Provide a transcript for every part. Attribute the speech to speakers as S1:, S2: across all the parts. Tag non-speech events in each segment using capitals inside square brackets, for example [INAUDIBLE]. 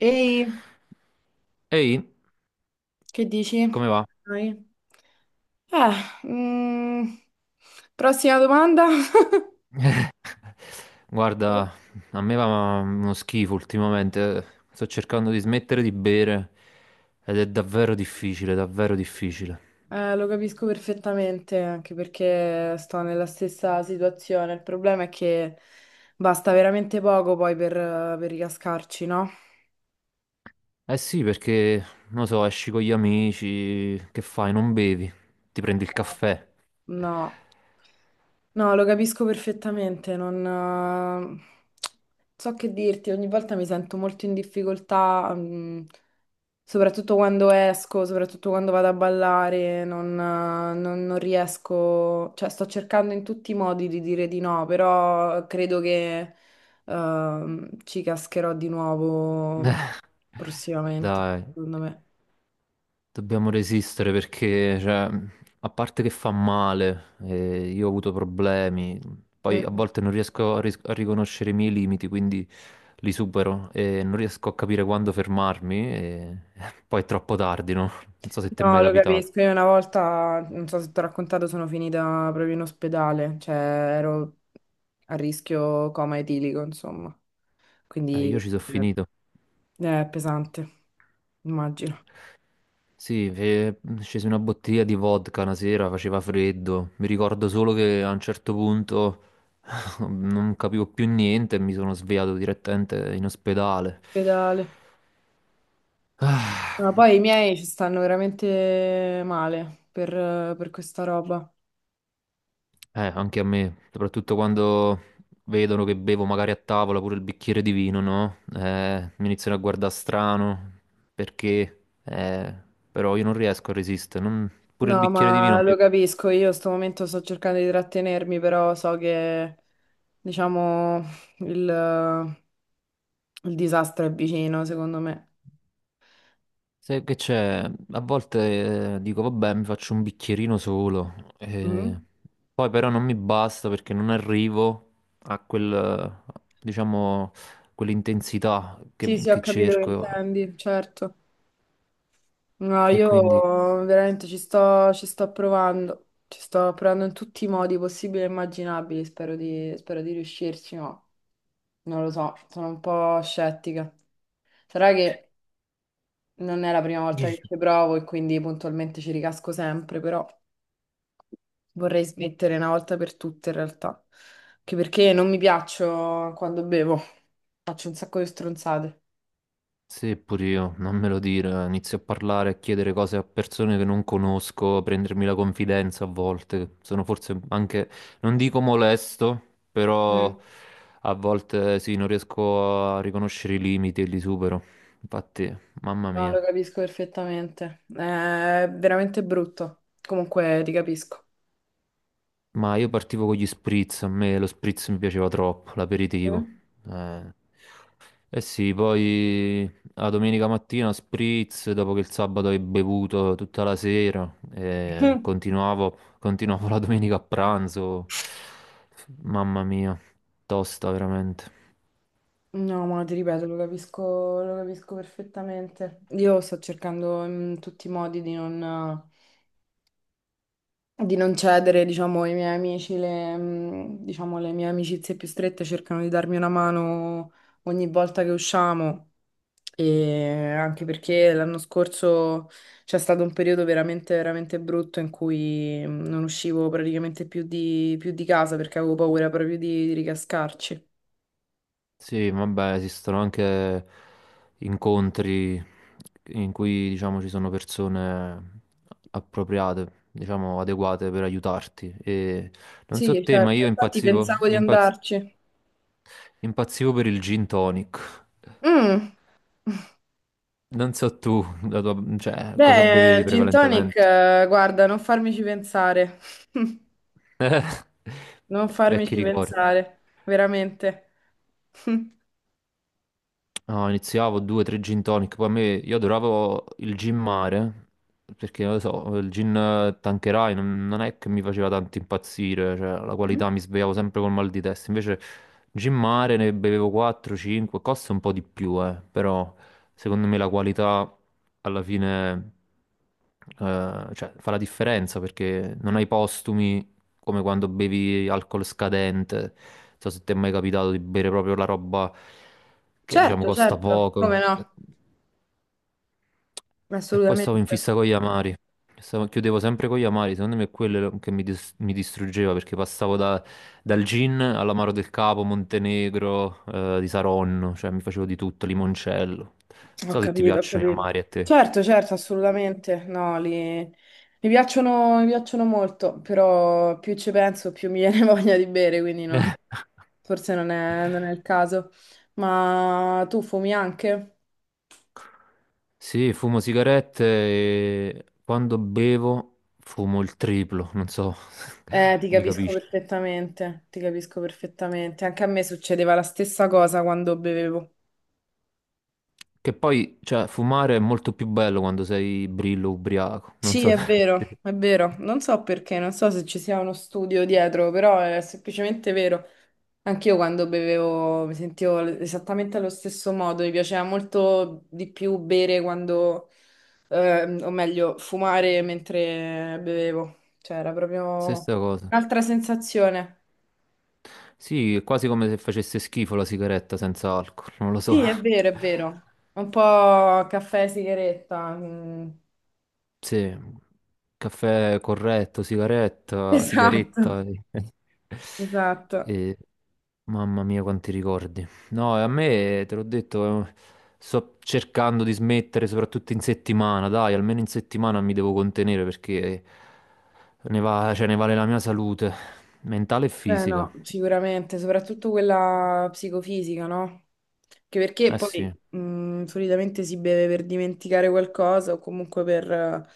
S1: Ehi,
S2: Ehi,
S1: che dici?
S2: come va?
S1: Dai. Eh, mm, Prossima domanda? [LAUGHS]
S2: Guarda, a me va uno schifo ultimamente. Sto cercando di smettere di bere ed è davvero difficile, davvero difficile.
S1: Lo capisco perfettamente, anche perché sto nella stessa situazione. Il problema è che basta veramente poco poi per ricascarci, no?
S2: Eh sì, perché, non lo so, esci con gli amici, che fai? Non bevi, ti prendi il caffè.
S1: No. No, lo capisco perfettamente, non eh, so che dirti, ogni volta mi sento molto in difficoltà, soprattutto quando esco, soprattutto quando vado a ballare, non riesco, cioè sto cercando in tutti i modi di dire di no, però credo che ci cascherò di
S2: [LAUGHS]
S1: nuovo prossimamente,
S2: Dai,
S1: secondo me.
S2: dobbiamo resistere perché, cioè, a parte che fa male, io ho avuto problemi, poi a volte non riesco a riconoscere i miei limiti, quindi li supero e non riesco a capire quando fermarmi e [LAUGHS] poi è troppo tardi, no? Non so se ti è mai
S1: No, lo
S2: capitato.
S1: capisco. Io una volta, non so se ti ho raccontato, sono finita proprio in ospedale, cioè ero a rischio coma etilico, insomma.
S2: Io
S1: Quindi
S2: ci sono
S1: eh,
S2: finito.
S1: è pesante, immagino.
S2: Sì, scesi una bottiglia di vodka una sera, faceva freddo. Mi ricordo solo che a un certo punto [LAUGHS] non capivo più niente e mi sono svegliato direttamente in ospedale.
S1: Ospedale.
S2: Ah.
S1: No, poi i miei ci stanno veramente male per, questa roba.
S2: Anche a me, soprattutto quando vedono che bevo magari a tavola pure il bicchiere di vino, no? Mi iniziano a guardare strano perché, però io non riesco a resistere. Pure il
S1: No,
S2: bicchiere di vino
S1: ma
S2: a
S1: lo
S2: me.
S1: capisco, io in sto momento sto cercando di trattenermi, però so che, diciamo, il, il disastro è vicino, secondo me.
S2: Sai che c'è? A volte dico, vabbè, mi faccio un bicchierino solo, eh,
S1: Mhm.
S2: poi però non mi basta perché non arrivo a quel, diciamo, quell'intensità
S1: Sì, sì, ho
S2: che
S1: capito che
S2: cerco.
S1: intendi, certo. No,
S2: E
S1: io
S2: quindi.
S1: veramente ci sto provando in tutti i modi possibili e immaginabili, spero di riuscirci, ma non lo so, sono un po' scettica. Sarà che non è la prima volta che
S2: Dici.
S1: ci provo e quindi puntualmente ci ricasco sempre, però vorrei smettere una volta per tutte in realtà, anche perché non mi piaccio quando bevo, faccio un sacco di stronzate.
S2: Sì, pure io, non me lo dire, inizio a parlare, a chiedere cose a persone che non conosco, a prendermi la confidenza a volte, sono forse anche, non dico molesto, però
S1: Mm.
S2: a volte sì, non riesco a riconoscere i limiti e li supero, infatti, mamma
S1: No,
S2: mia.
S1: lo capisco perfettamente. È veramente brutto. Comunque ti capisco.
S2: Ma io partivo con gli spritz, a me lo spritz mi piaceva troppo, l'aperitivo.
S1: Mm.
S2: Eh, eh sì, poi la domenica mattina spritz, dopo che il sabato hai bevuto tutta la sera,
S1: [LAUGHS]
S2: continuavo, continuavo la domenica a pranzo. Mamma mia, tosta veramente.
S1: No, ma ti ripeto, lo capisco perfettamente. Io sto cercando in tutti i modi di non cedere, diciamo, ai miei amici, diciamo, le mie amicizie più strette cercano di darmi una mano ogni volta che usciamo. E anche perché l'anno scorso c'è stato un periodo veramente, veramente brutto in cui non uscivo praticamente più di casa perché avevo paura proprio di ricascarci.
S2: Sì, vabbè, esistono anche incontri in cui, diciamo, ci sono persone appropriate, diciamo, adeguate per aiutarti. E non
S1: Sì,
S2: so te, ma
S1: certo,
S2: io
S1: infatti
S2: impazzivo,
S1: pensavo di andarci.
S2: impazzivo per il gin tonic.
S1: Mm,
S2: Non so tu, cioè, cosa
S1: Beh,
S2: bevevi
S1: il gin tonic,
S2: prevalentemente?
S1: guarda, non farmici pensare. [LAUGHS]
S2: [LAUGHS]
S1: Non
S2: Vecchi
S1: farmici
S2: ricordi.
S1: pensare, veramente. [LAUGHS]
S2: No, iniziavo due, tre gin tonic, poi a me io adoravo il gin mare, perché non lo so, il gin Tanqueray non, non è che mi faceva tanto impazzire, cioè la
S1: Mhm.
S2: qualità mi svegliavo sempre col mal di testa, invece gin mare ne bevevo 4, 5, costa un po' di più, però secondo me la qualità alla fine cioè, fa la differenza perché non hai postumi, come quando bevi alcol scadente. Non so se ti è mai capitato di bere proprio la roba che diciamo
S1: Certo,
S2: costa
S1: certo.
S2: poco.
S1: Come no?
S2: E poi stavo
S1: Assolutamente.
S2: in fissa con gli amari. Chiudevo sempre con gli amari, secondo me è quello che mi distruggeva perché dal gin all'amaro del Capo, Montenegro, di Saronno, cioè mi facevo di tutto, limoncello. Non
S1: Ho
S2: so se ti
S1: capito, ho
S2: piacciono gli
S1: capito.
S2: amari a te.
S1: Certo, certo, assolutamente. No, mi mi piacciono molto, però più ci penso, più mi viene [LAUGHS] voglia di bere, quindi
S2: [LAUGHS]
S1: forse non è il caso. Ma tu fumi anche?
S2: Sì, fumo sigarette e quando bevo fumo il triplo, non so,
S1: Ti
S2: [LAUGHS] mi
S1: capisco
S2: capisci?
S1: perfettamente, ti capisco perfettamente. Anche a me succedeva la stessa cosa quando bevevo.
S2: Che poi, cioè, fumare è molto più bello quando sei brillo ubriaco, non
S1: Sì,
S2: so,
S1: è vero,
S2: [LAUGHS]
S1: è vero. Non so perché, non so se ci sia uno studio dietro, però è semplicemente vero. Anch'io quando bevevo mi sentivo esattamente allo stesso modo, mi piaceva molto di più bere quando, o meglio, fumare mentre bevevo. Cioè, era proprio
S2: stessa cosa.
S1: un'altra sensazione.
S2: Sì, è quasi come se facesse schifo la sigaretta senza alcol, non lo so.
S1: Sì, è vero, è vero.
S2: [LAUGHS]
S1: Un po' caffè e sigaretta. Mm.
S2: Sì, caffè corretto,
S1: [LAUGHS]
S2: sigaretta,
S1: Esatto,
S2: sigaretta. E, [LAUGHS]
S1: esatto.
S2: e- mamma mia, quanti ricordi. No, a me, te l'ho detto, sto cercando di smettere, soprattutto in settimana. Dai, almeno in settimana mi devo contenere perché cioè, ne vale la mia salute mentale e
S1: Beh,
S2: fisica.
S1: no, sicuramente, soprattutto quella psicofisica, no? Che perché
S2: Eh
S1: poi
S2: sì.
S1: solitamente si beve per dimenticare qualcosa o comunque per,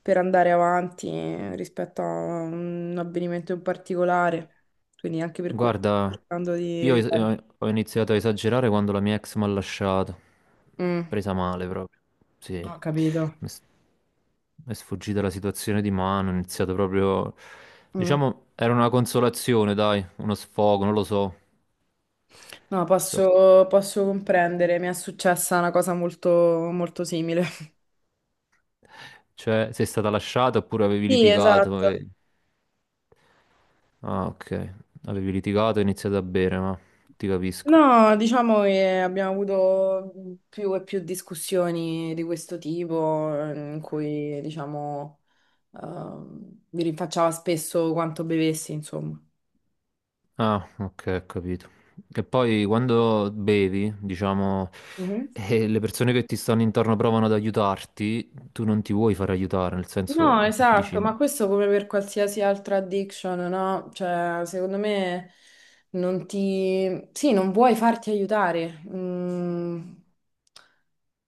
S1: andare avanti rispetto a un avvenimento in particolare, quindi anche per quello sto
S2: Guarda,
S1: cercando di
S2: io
S1: evitare.
S2: ho iniziato a esagerare quando la mia ex mi ha lasciato.
S1: Mm,
S2: Presa male proprio. Sì,
S1: Ho capito.
S2: mi è sfuggita la situazione di mano, ho iniziato proprio.
S1: Mm.
S2: Diciamo, era una consolazione, dai, uno sfogo, non lo so.
S1: No,
S2: So-
S1: posso comprendere, mi è successa una cosa molto, molto simile. [LAUGHS]
S2: Cioè, sei stata lasciata oppure avevi
S1: Sì,
S2: litigato?
S1: esatto.
S2: Ah, ok. Avevi litigato e hai iniziato a bere, ma ti capisco.
S1: No, diciamo che abbiamo avuto più e più discussioni di questo tipo, in cui, diciamo, mi rinfacciava spesso quanto bevessi, insomma.
S2: Ah, ok, ho capito. E poi quando bevi, diciamo,
S1: Mhm.
S2: e le persone che ti stanno intorno provano ad aiutarti, tu non ti vuoi far aiutare, nel senso,
S1: No, esatto,
S2: dici,
S1: ma questo come per qualsiasi altra addiction, no? Cioè, secondo me non ti... Sì, non vuoi farti aiutare. Mm,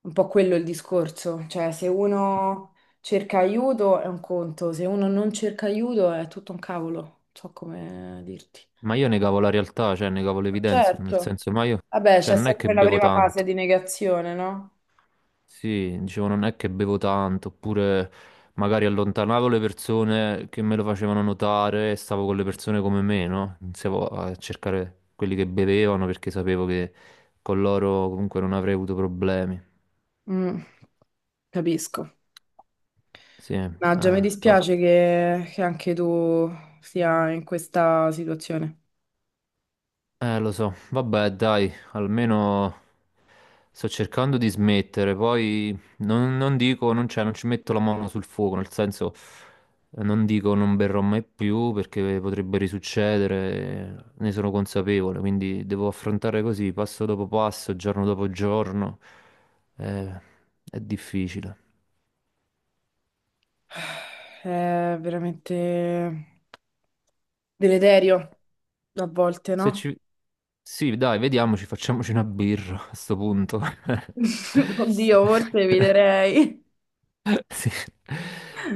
S1: un po' quello è il discorso. Cioè, se uno cerca aiuto è un conto, se uno non cerca aiuto è tutto un cavolo. So come dirti.
S2: ma io negavo la realtà, cioè negavo le evidenze, nel
S1: Certo.
S2: senso, ma io,
S1: Vabbè,
S2: cioè
S1: c'è
S2: non è che
S1: sempre la
S2: bevo
S1: prima fase
S2: tanto.
S1: di negazione, no?
S2: Sì, dicevo, non è che bevo tanto, oppure magari allontanavo le persone che me lo facevano notare e stavo con le persone come me, no? Iniziavo a cercare quelli che bevevano perché sapevo che con loro comunque non avrei avuto problemi.
S1: Mm, capisco.
S2: Sì,
S1: No, già mi dispiace
S2: tosto.
S1: che anche tu sia in questa situazione.
S2: Lo so, vabbè, dai, almeno sto cercando di smettere, poi non, non dico, non, cioè, non ci metto la mano sul fuoco, nel senso, non dico non berrò mai più perché potrebbe risuccedere, ne sono consapevole, quindi devo affrontare così, passo dopo passo, giorno dopo giorno, eh, è difficile.
S1: È veramente deleterio a volte,
S2: Se
S1: no?
S2: ci... Sì, dai, vediamoci, facciamoci una birra a sto punto.
S1: [LAUGHS] Oddio, forse
S2: [LAUGHS]
S1: eviterei.
S2: [LAUGHS] Sì.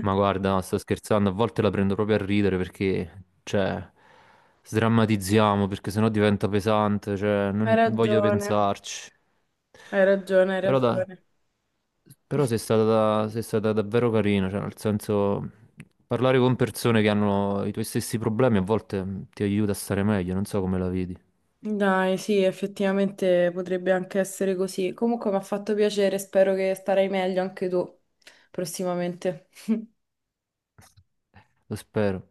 S2: Ma guarda, no, sto scherzando, a volte la prendo proprio a ridere perché, cioè, sdrammatizziamo perché sennò diventa pesante, cioè,
S1: Hai
S2: non voglio
S1: ragione,
S2: pensarci.
S1: hai ragione, hai
S2: Però,
S1: ragione.
S2: però sei stata davvero carina, cioè, nel senso, parlare con persone che hanno i tuoi stessi problemi a volte ti aiuta a stare meglio, non so come la vedi,
S1: Dai, sì, effettivamente potrebbe anche essere così. Comunque mi ha fatto piacere, spero che starai meglio anche tu prossimamente. [LAUGHS]
S2: lo spero.